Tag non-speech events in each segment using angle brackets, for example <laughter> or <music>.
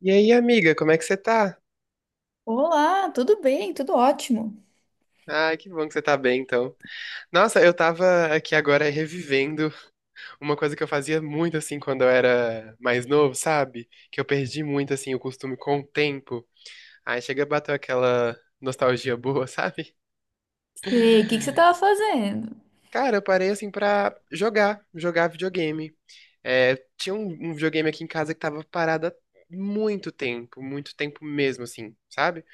E aí, amiga, como é que você tá? Olá, tudo bem? Tudo ótimo. Ai, que bom que você tá bem, então. Nossa, eu tava aqui agora revivendo uma coisa que eu fazia muito, assim, quando eu era mais novo, sabe? Que eu perdi muito, assim, o costume com o tempo. Aí chega a bater aquela nostalgia boa, <laughs> sabe? Sei, o que que você estava fazendo? Cara, eu parei, assim, pra jogar videogame. É, tinha um, videogame aqui em casa que tava parado há muito tempo mesmo, assim, sabe?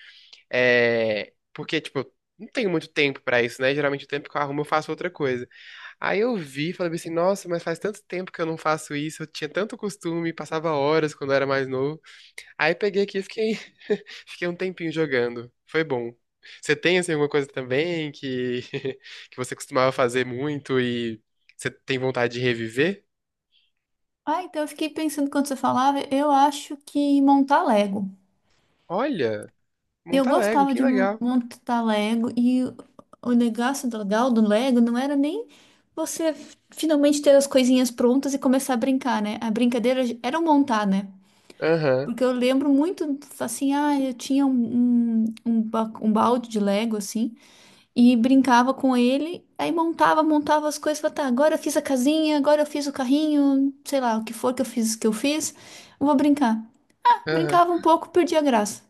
É, porque, tipo, eu não tenho muito tempo pra isso, né? Geralmente o tempo que eu arrumo eu faço outra coisa. Aí eu vi, e falei assim, nossa, mas faz tanto tempo que eu não faço isso, eu tinha tanto costume, passava horas quando eu era mais novo. Aí peguei aqui e fiquei, <laughs> fiquei um tempinho jogando. Foi bom. Você tem, assim, alguma coisa também que, <laughs> que você costumava fazer muito e você tem vontade de reviver? Ah, então eu fiquei pensando quando você falava, eu acho que montar Lego. Olha, Eu monta Lego, gostava que de legal. montar Lego e o negócio legal do Lego não era nem você finalmente ter as coisinhas prontas e começar a brincar, né? A brincadeira era o montar, né? Aham, Porque eu lembro muito assim, ah, eu tinha um um balde de Lego assim. E brincava com ele, aí montava, montava as coisas, falava, tá, agora eu fiz a casinha, agora eu fiz o carrinho, sei lá, o que for que eu fiz, eu vou brincar. aham, Brincava um pouco, perdia a graça.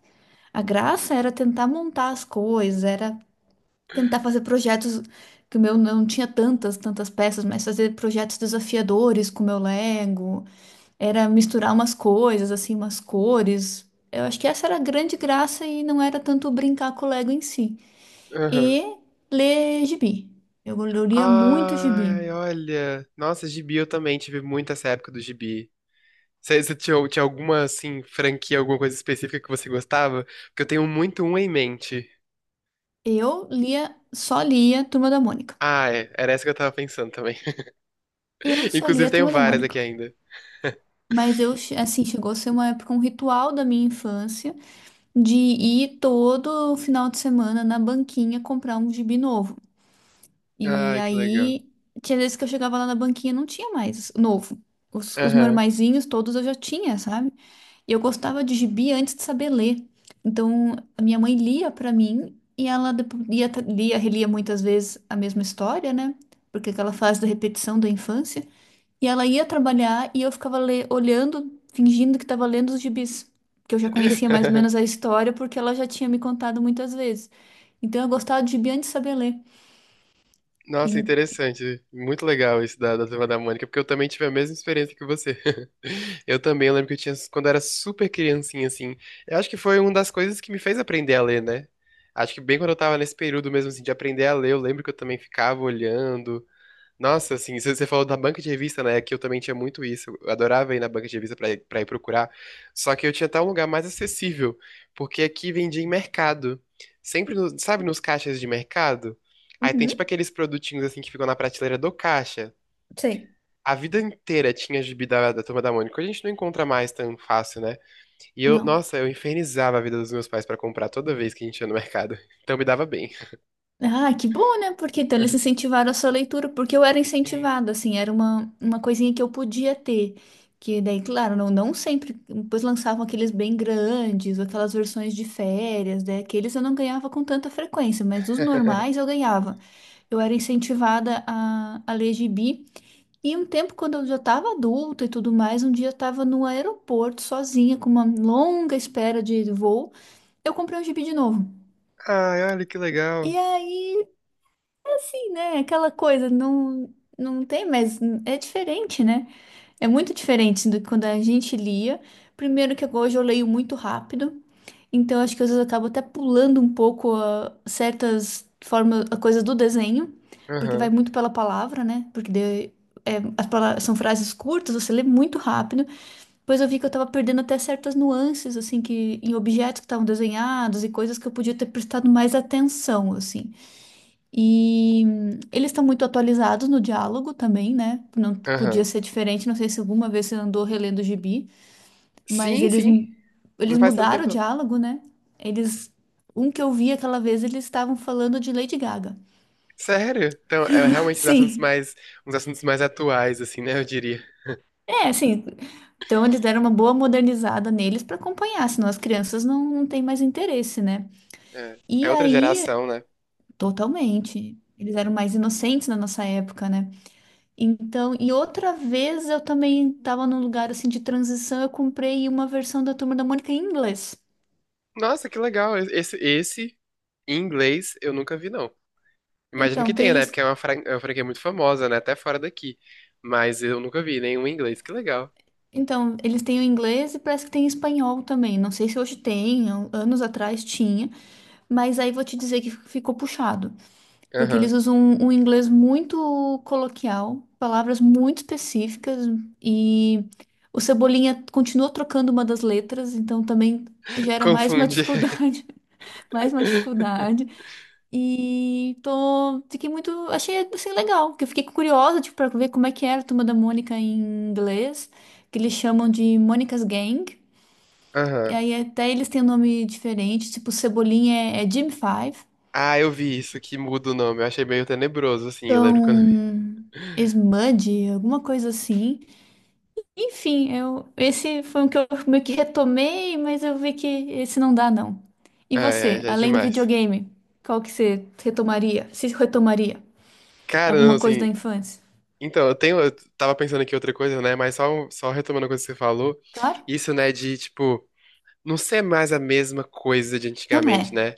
A graça era tentar montar as coisas, era tentar fazer projetos que o meu não tinha tantas peças, mas fazer projetos desafiadores com o meu Lego, era misturar umas coisas, assim, umas cores. Eu acho que essa era a grande graça e não era tanto brincar com o Lego em si aham. e ler gibi. Eu lia muito gibi. Ai, olha. Nossa, gibi, eu também tive muito essa época do gibi. Você tinha, alguma, assim, franquia, alguma coisa específica que você gostava? Porque eu tenho muito uma em mente. Eu lia, só lia Turma da Mônica. Ah, é. Era essa que eu tava pensando também. Eu <laughs> só lia Inclusive, tenho Turma da várias aqui Mônica. ainda. Mas eu, assim, chegou a ser uma época, um ritual da minha infância de ir todo final de semana na banquinha comprar um gibi novo. E Ai, que legal. aí, tinha vezes que eu chegava lá na banquinha, não tinha mais novo. Os Aham. normaizinhos todos eu já tinha, sabe? E eu gostava de gibi antes de saber ler. Então, a minha mãe lia pra mim e ela lia, relia muitas vezes a mesma história, né? Porque aquela fase da repetição da infância. E ela ia trabalhar e eu ficava olhando, fingindo que estava lendo os gibis. Que eu já conhecia mais ou menos a <laughs> história porque ela já tinha me contado muitas vezes. Então, eu gostava de gibi antes de saber ler. Nossa, E- interessante. Muito legal isso da, Turma da Mônica, porque eu também tive a mesma experiência que você. <laughs> Eu também lembro que eu tinha, quando eu era super criancinha, assim. Eu acho que foi uma das coisas que me fez aprender a ler, né? Acho que bem quando eu tava nesse período mesmo, assim, de aprender a ler, eu lembro que eu também ficava olhando. Nossa, assim, você falou da banca de revista, né? Que eu também tinha muito isso. Eu adorava ir na banca de revista pra ir procurar. Só que eu tinha até um lugar mais acessível, porque aqui vendia em mercado. Sempre, no- sabe, nos caixas de mercado? Aí tem tipo Uhum. aqueles produtinhos assim que ficam na prateleira do caixa. Sei, A vida inteira tinha gibi da, Turma da Mônica. Hoje a gente não encontra mais tão fácil, né? E eu, não. nossa, eu infernizava a vida dos meus pais pra comprar toda vez que a gente ia no mercado. <laughs> Então me dava bem. Ah, que bom, né? Porque então eles <laughs> incentivaram a sua leitura, porque eu era Sim. incentivada, assim, era uma coisinha que eu podia ter. Que daí, claro, não sempre, depois lançavam aqueles bem grandes, aquelas versões de férias, né? Aqueles eu não ganhava com tanta frequência, mas os normais eu ganhava. Eu era incentivada a ler gibi. E um tempo, quando eu já estava adulta e tudo mais, um dia eu estava no aeroporto sozinha, com uma longa espera de voo, eu comprei um gibi de novo. Ai, olha que legal. E aí, né? Aquela coisa, não, não tem mas é diferente, né? É muito diferente do que quando a gente lia. Primeiro que hoje eu leio muito rápido, então acho que às vezes eu acabo até pulando um pouco certas formas, a coisa do desenho, porque vai Aham, muito pela palavra, né? É, as palavras, são frases curtas, você lê muito rápido. Depois eu vi que eu tava perdendo até certas nuances, assim, que em objetos que estavam desenhados e coisas que eu podia ter prestado mais atenção, assim. E eles estão muito atualizados no diálogo também, né? Não podia aham. ser diferente, não sei se alguma vez você andou relendo o gibi, mas Sim, sim. Eles Não faz tanto mudaram o tempo, não. diálogo, né? Eles. Um que eu vi aquela vez, eles estavam falando de Lady Gaga. Sério? Então, é <laughs> realmente os assuntos Sim, uns assuntos mais atuais, assim, né? Eu diria. é, sim. Então eles deram uma boa modernizada neles para acompanhar, senão as crianças não têm mais interesse, né? É, é E outra aí, geração, né? totalmente. Eles eram mais inocentes na nossa época, né? Então, e outra vez eu também estava num lugar assim de transição, eu comprei uma versão da Turma da Mônica em inglês. Nossa, que legal. Esse, em inglês, eu nunca vi, não. Imagino Então, que tem tenha, né? eles, Porque é uma franquia muito famosa, né? Até fora daqui. Mas eu nunca vi nenhum em inglês. Que legal. então, eles têm o inglês e parece que tem espanhol também. Não sei se hoje tem, anos atrás tinha, mas aí vou te dizer que ficou puxado, porque eles Aham. usam um inglês muito coloquial, palavras muito específicas e o Cebolinha continua trocando uma das letras, então também <laughs> gera mais uma <laughs> Confunde. dificuldade, mais uma <laughs> dificuldade. E tô, fiquei muito, achei assim legal, porque eu fiquei curiosa, tipo, para ver como é que era a Turma da Mônica em inglês, que eles chamam de Mônica's Gang. E Aham. aí até eles têm um nome diferente, tipo Cebolinha é Jim Five, Ah, eu vi isso, que muda o nome. Eu achei meio tenebroso, assim. Eu lembro quando eu vi. então Smudge, alguma coisa assim. Enfim, eu esse foi um que eu meio que retomei, mas eu vi que esse não dá não. E Ah, é, você, já é além do demais. videogame, qual que você retomaria? Se retomaria Cara, não, alguma coisa da assim, infância? então, eu tenho, eu tava pensando aqui outra coisa, né? Mas só retomando a coisa que você falou, Claro. isso, né, de, tipo, não ser mais a mesma coisa de Não antigamente, é, né?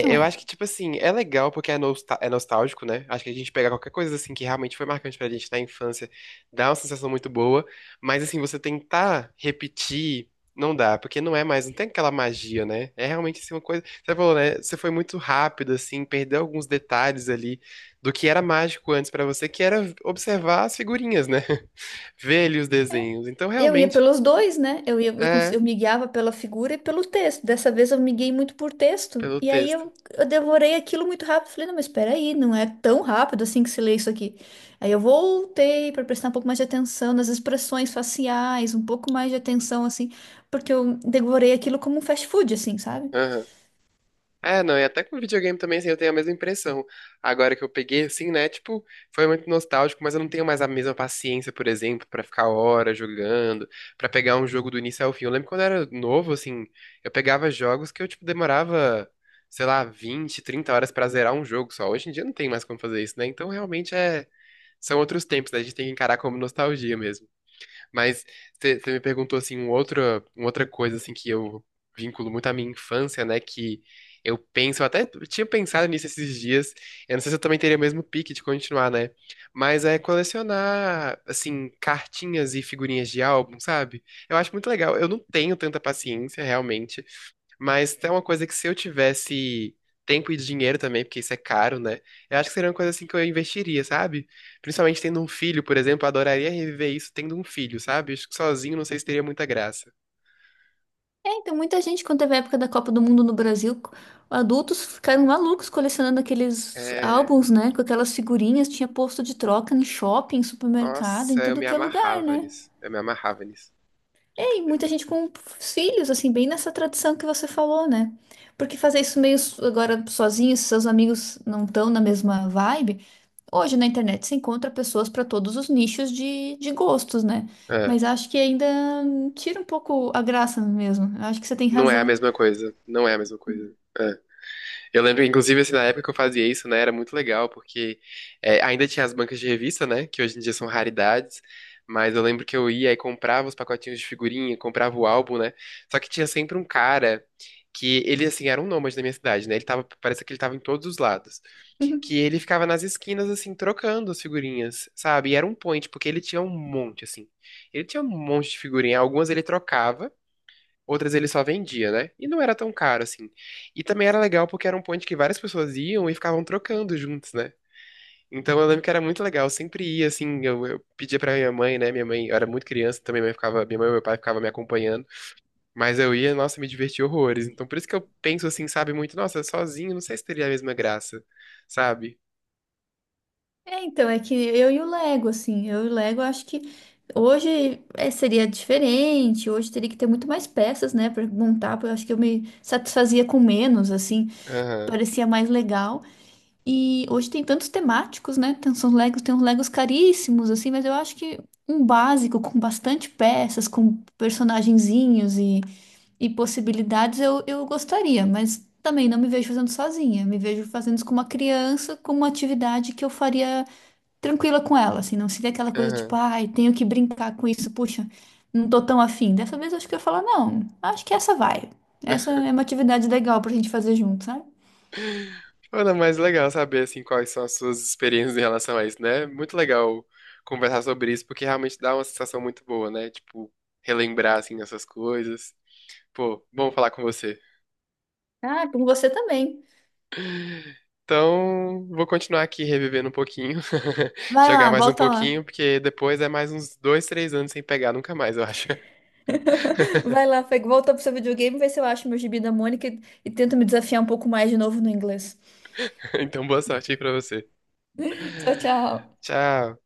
não eu é. acho que, tipo assim, é legal porque é, nostal- é nostálgico, né? Acho que a gente pega qualquer coisa, assim, que realmente foi marcante pra gente na infância, dá uma sensação muito boa, mas, assim, você tentar repetir, não dá, porque não é mais, não tem aquela magia, né? É realmente, assim, uma coisa. Você falou, né? Você foi muito rápido, assim, perdeu alguns detalhes ali do que era mágico antes pra você, que era observar as figurinhas, né? <laughs> Ver ali os É. desenhos. Então, Eu ia realmente, pelos dois, né? Eu ia, eu, é, eu me guiava pela figura e pelo texto. Dessa vez eu me guiei muito por texto. pelo E aí texto. Eu devorei aquilo muito rápido. Falei, não, mas espera aí, não é tão rápido assim que se lê isso aqui. Aí eu voltei para prestar um pouco mais de atenção nas expressões faciais, um pouco mais de atenção, assim, porque eu devorei aquilo como um fast food, assim, sabe? É, não, e até com videogame também, assim, eu tenho a mesma impressão. Agora que eu peguei, assim, né, tipo, foi muito nostálgico, mas eu não tenho mais a mesma paciência, por exemplo, pra ficar horas jogando, pra pegar um jogo do início ao fim. Eu lembro quando eu era novo, assim, eu pegava jogos que eu, tipo, demorava, sei lá, 20, 30 horas pra zerar um jogo só. Hoje em dia não tem mais como fazer isso, né? Então, realmente, é, são outros tempos, né? A gente tem que encarar como nostalgia mesmo. Mas você me perguntou assim uma outra coisa assim que eu vinculo muito à minha infância, né? Que eu penso, eu até tinha pensado nisso esses dias. Eu não sei se eu também teria o mesmo pique de continuar, né? Mas é colecionar assim cartinhas e figurinhas de álbum, sabe? Eu acho muito legal. Eu não tenho tanta paciência realmente, mas é uma coisa que se eu tivesse tempo e dinheiro também, porque isso é caro, né? Eu acho que seria uma coisa assim que eu investiria, sabe? Principalmente tendo um filho, por exemplo, eu adoraria reviver isso tendo um filho, sabe? Acho que sozinho não sei se teria muita graça. É, então muita gente, quando teve a época da Copa do Mundo no Brasil, adultos ficaram malucos colecionando aqueles É. álbuns, né? Com aquelas figurinhas, tinha posto de troca em shopping, supermercado, em Nossa, eu tudo me que é lugar, amarrava né? nisso. Eu me amarrava nisso. E aí, muita gente com filhos, assim, bem nessa tradição que você falou, né? Porque fazer isso meio agora sozinho, se seus amigos não estão na mesma vibe, hoje na internet se encontra pessoas para todos os nichos de gostos, né? É. Mas acho que ainda tira um pouco a graça mesmo. Acho que você tem Não é a razão. mesma coisa. Não é a mesma coisa. É. Eu lembro, inclusive, assim, na época que eu fazia isso, né, era muito legal, porque é, ainda tinha as bancas de revista, né, que hoje em dia são raridades, mas eu lembro que eu ia e comprava os pacotinhos de figurinha, comprava o álbum, né, só que tinha sempre um cara que ele, assim, era um nômade da minha cidade, né, ele tava, parece que ele tava em todos os lados, que <laughs> ele ficava nas esquinas, assim, trocando as figurinhas, sabe, e era um point, porque ele tinha um monte, assim, ele tinha um monte de figurinha, algumas ele trocava, outras ele só vendia, né? E não era tão caro assim. E também era legal porque era um ponto que várias pessoas iam e ficavam trocando juntos, né? Então eu lembro que era muito legal, eu sempre ia assim, eu pedia pra minha mãe, né? Minha mãe, eu era muito criança também, minha mãe e meu pai ficavam me acompanhando, mas eu ia, nossa, me divertia horrores. Então por isso que eu penso assim, sabe, muito, nossa, sozinho, não sei se teria a mesma graça, sabe? É, então, é que eu e o Lego, assim, eu e o Lego acho que hoje é, seria diferente, hoje teria que ter muito mais peças, né, pra montar, porque eu acho que eu me satisfazia com menos, assim, Aham, parecia mais legal. E hoje tem tantos temáticos, né? Tem uns Legos caríssimos, assim, mas eu acho que um básico com bastante peças, com personagenzinhos e possibilidades, eu gostaria, mas também não me vejo fazendo sozinha. Me vejo fazendo isso com uma criança, com uma atividade que eu faria tranquila com ela, assim, não seria aquela coisa tipo, aham. ai, tenho que brincar com isso, puxa, não tô tão afim. Dessa vez eu acho que eu ia falar, não, acho que essa vai. <laughs> Essa é uma atividade legal pra gente fazer junto, sabe? Ana, mas legal saber assim quais são as suas experiências em relação a isso, né? É muito legal conversar sobre isso, porque realmente dá uma sensação muito boa, né? Tipo, relembrar assim essas coisas. Pô, bom falar com você. Ah, com você também. Então, vou continuar aqui revivendo um pouquinho, <laughs> Vai lá, jogar mais um volta lá. pouquinho, porque depois é mais uns 2, 3 anos sem pegar nunca mais, eu acho. <laughs> <laughs> Vai lá, Fê, volta pro seu videogame, vê se eu acho meu gibi da Mônica e tento me desafiar um pouco mais de novo no inglês. Então, boa sorte aí pra você. <laughs> Tchau, tchau. Tchau.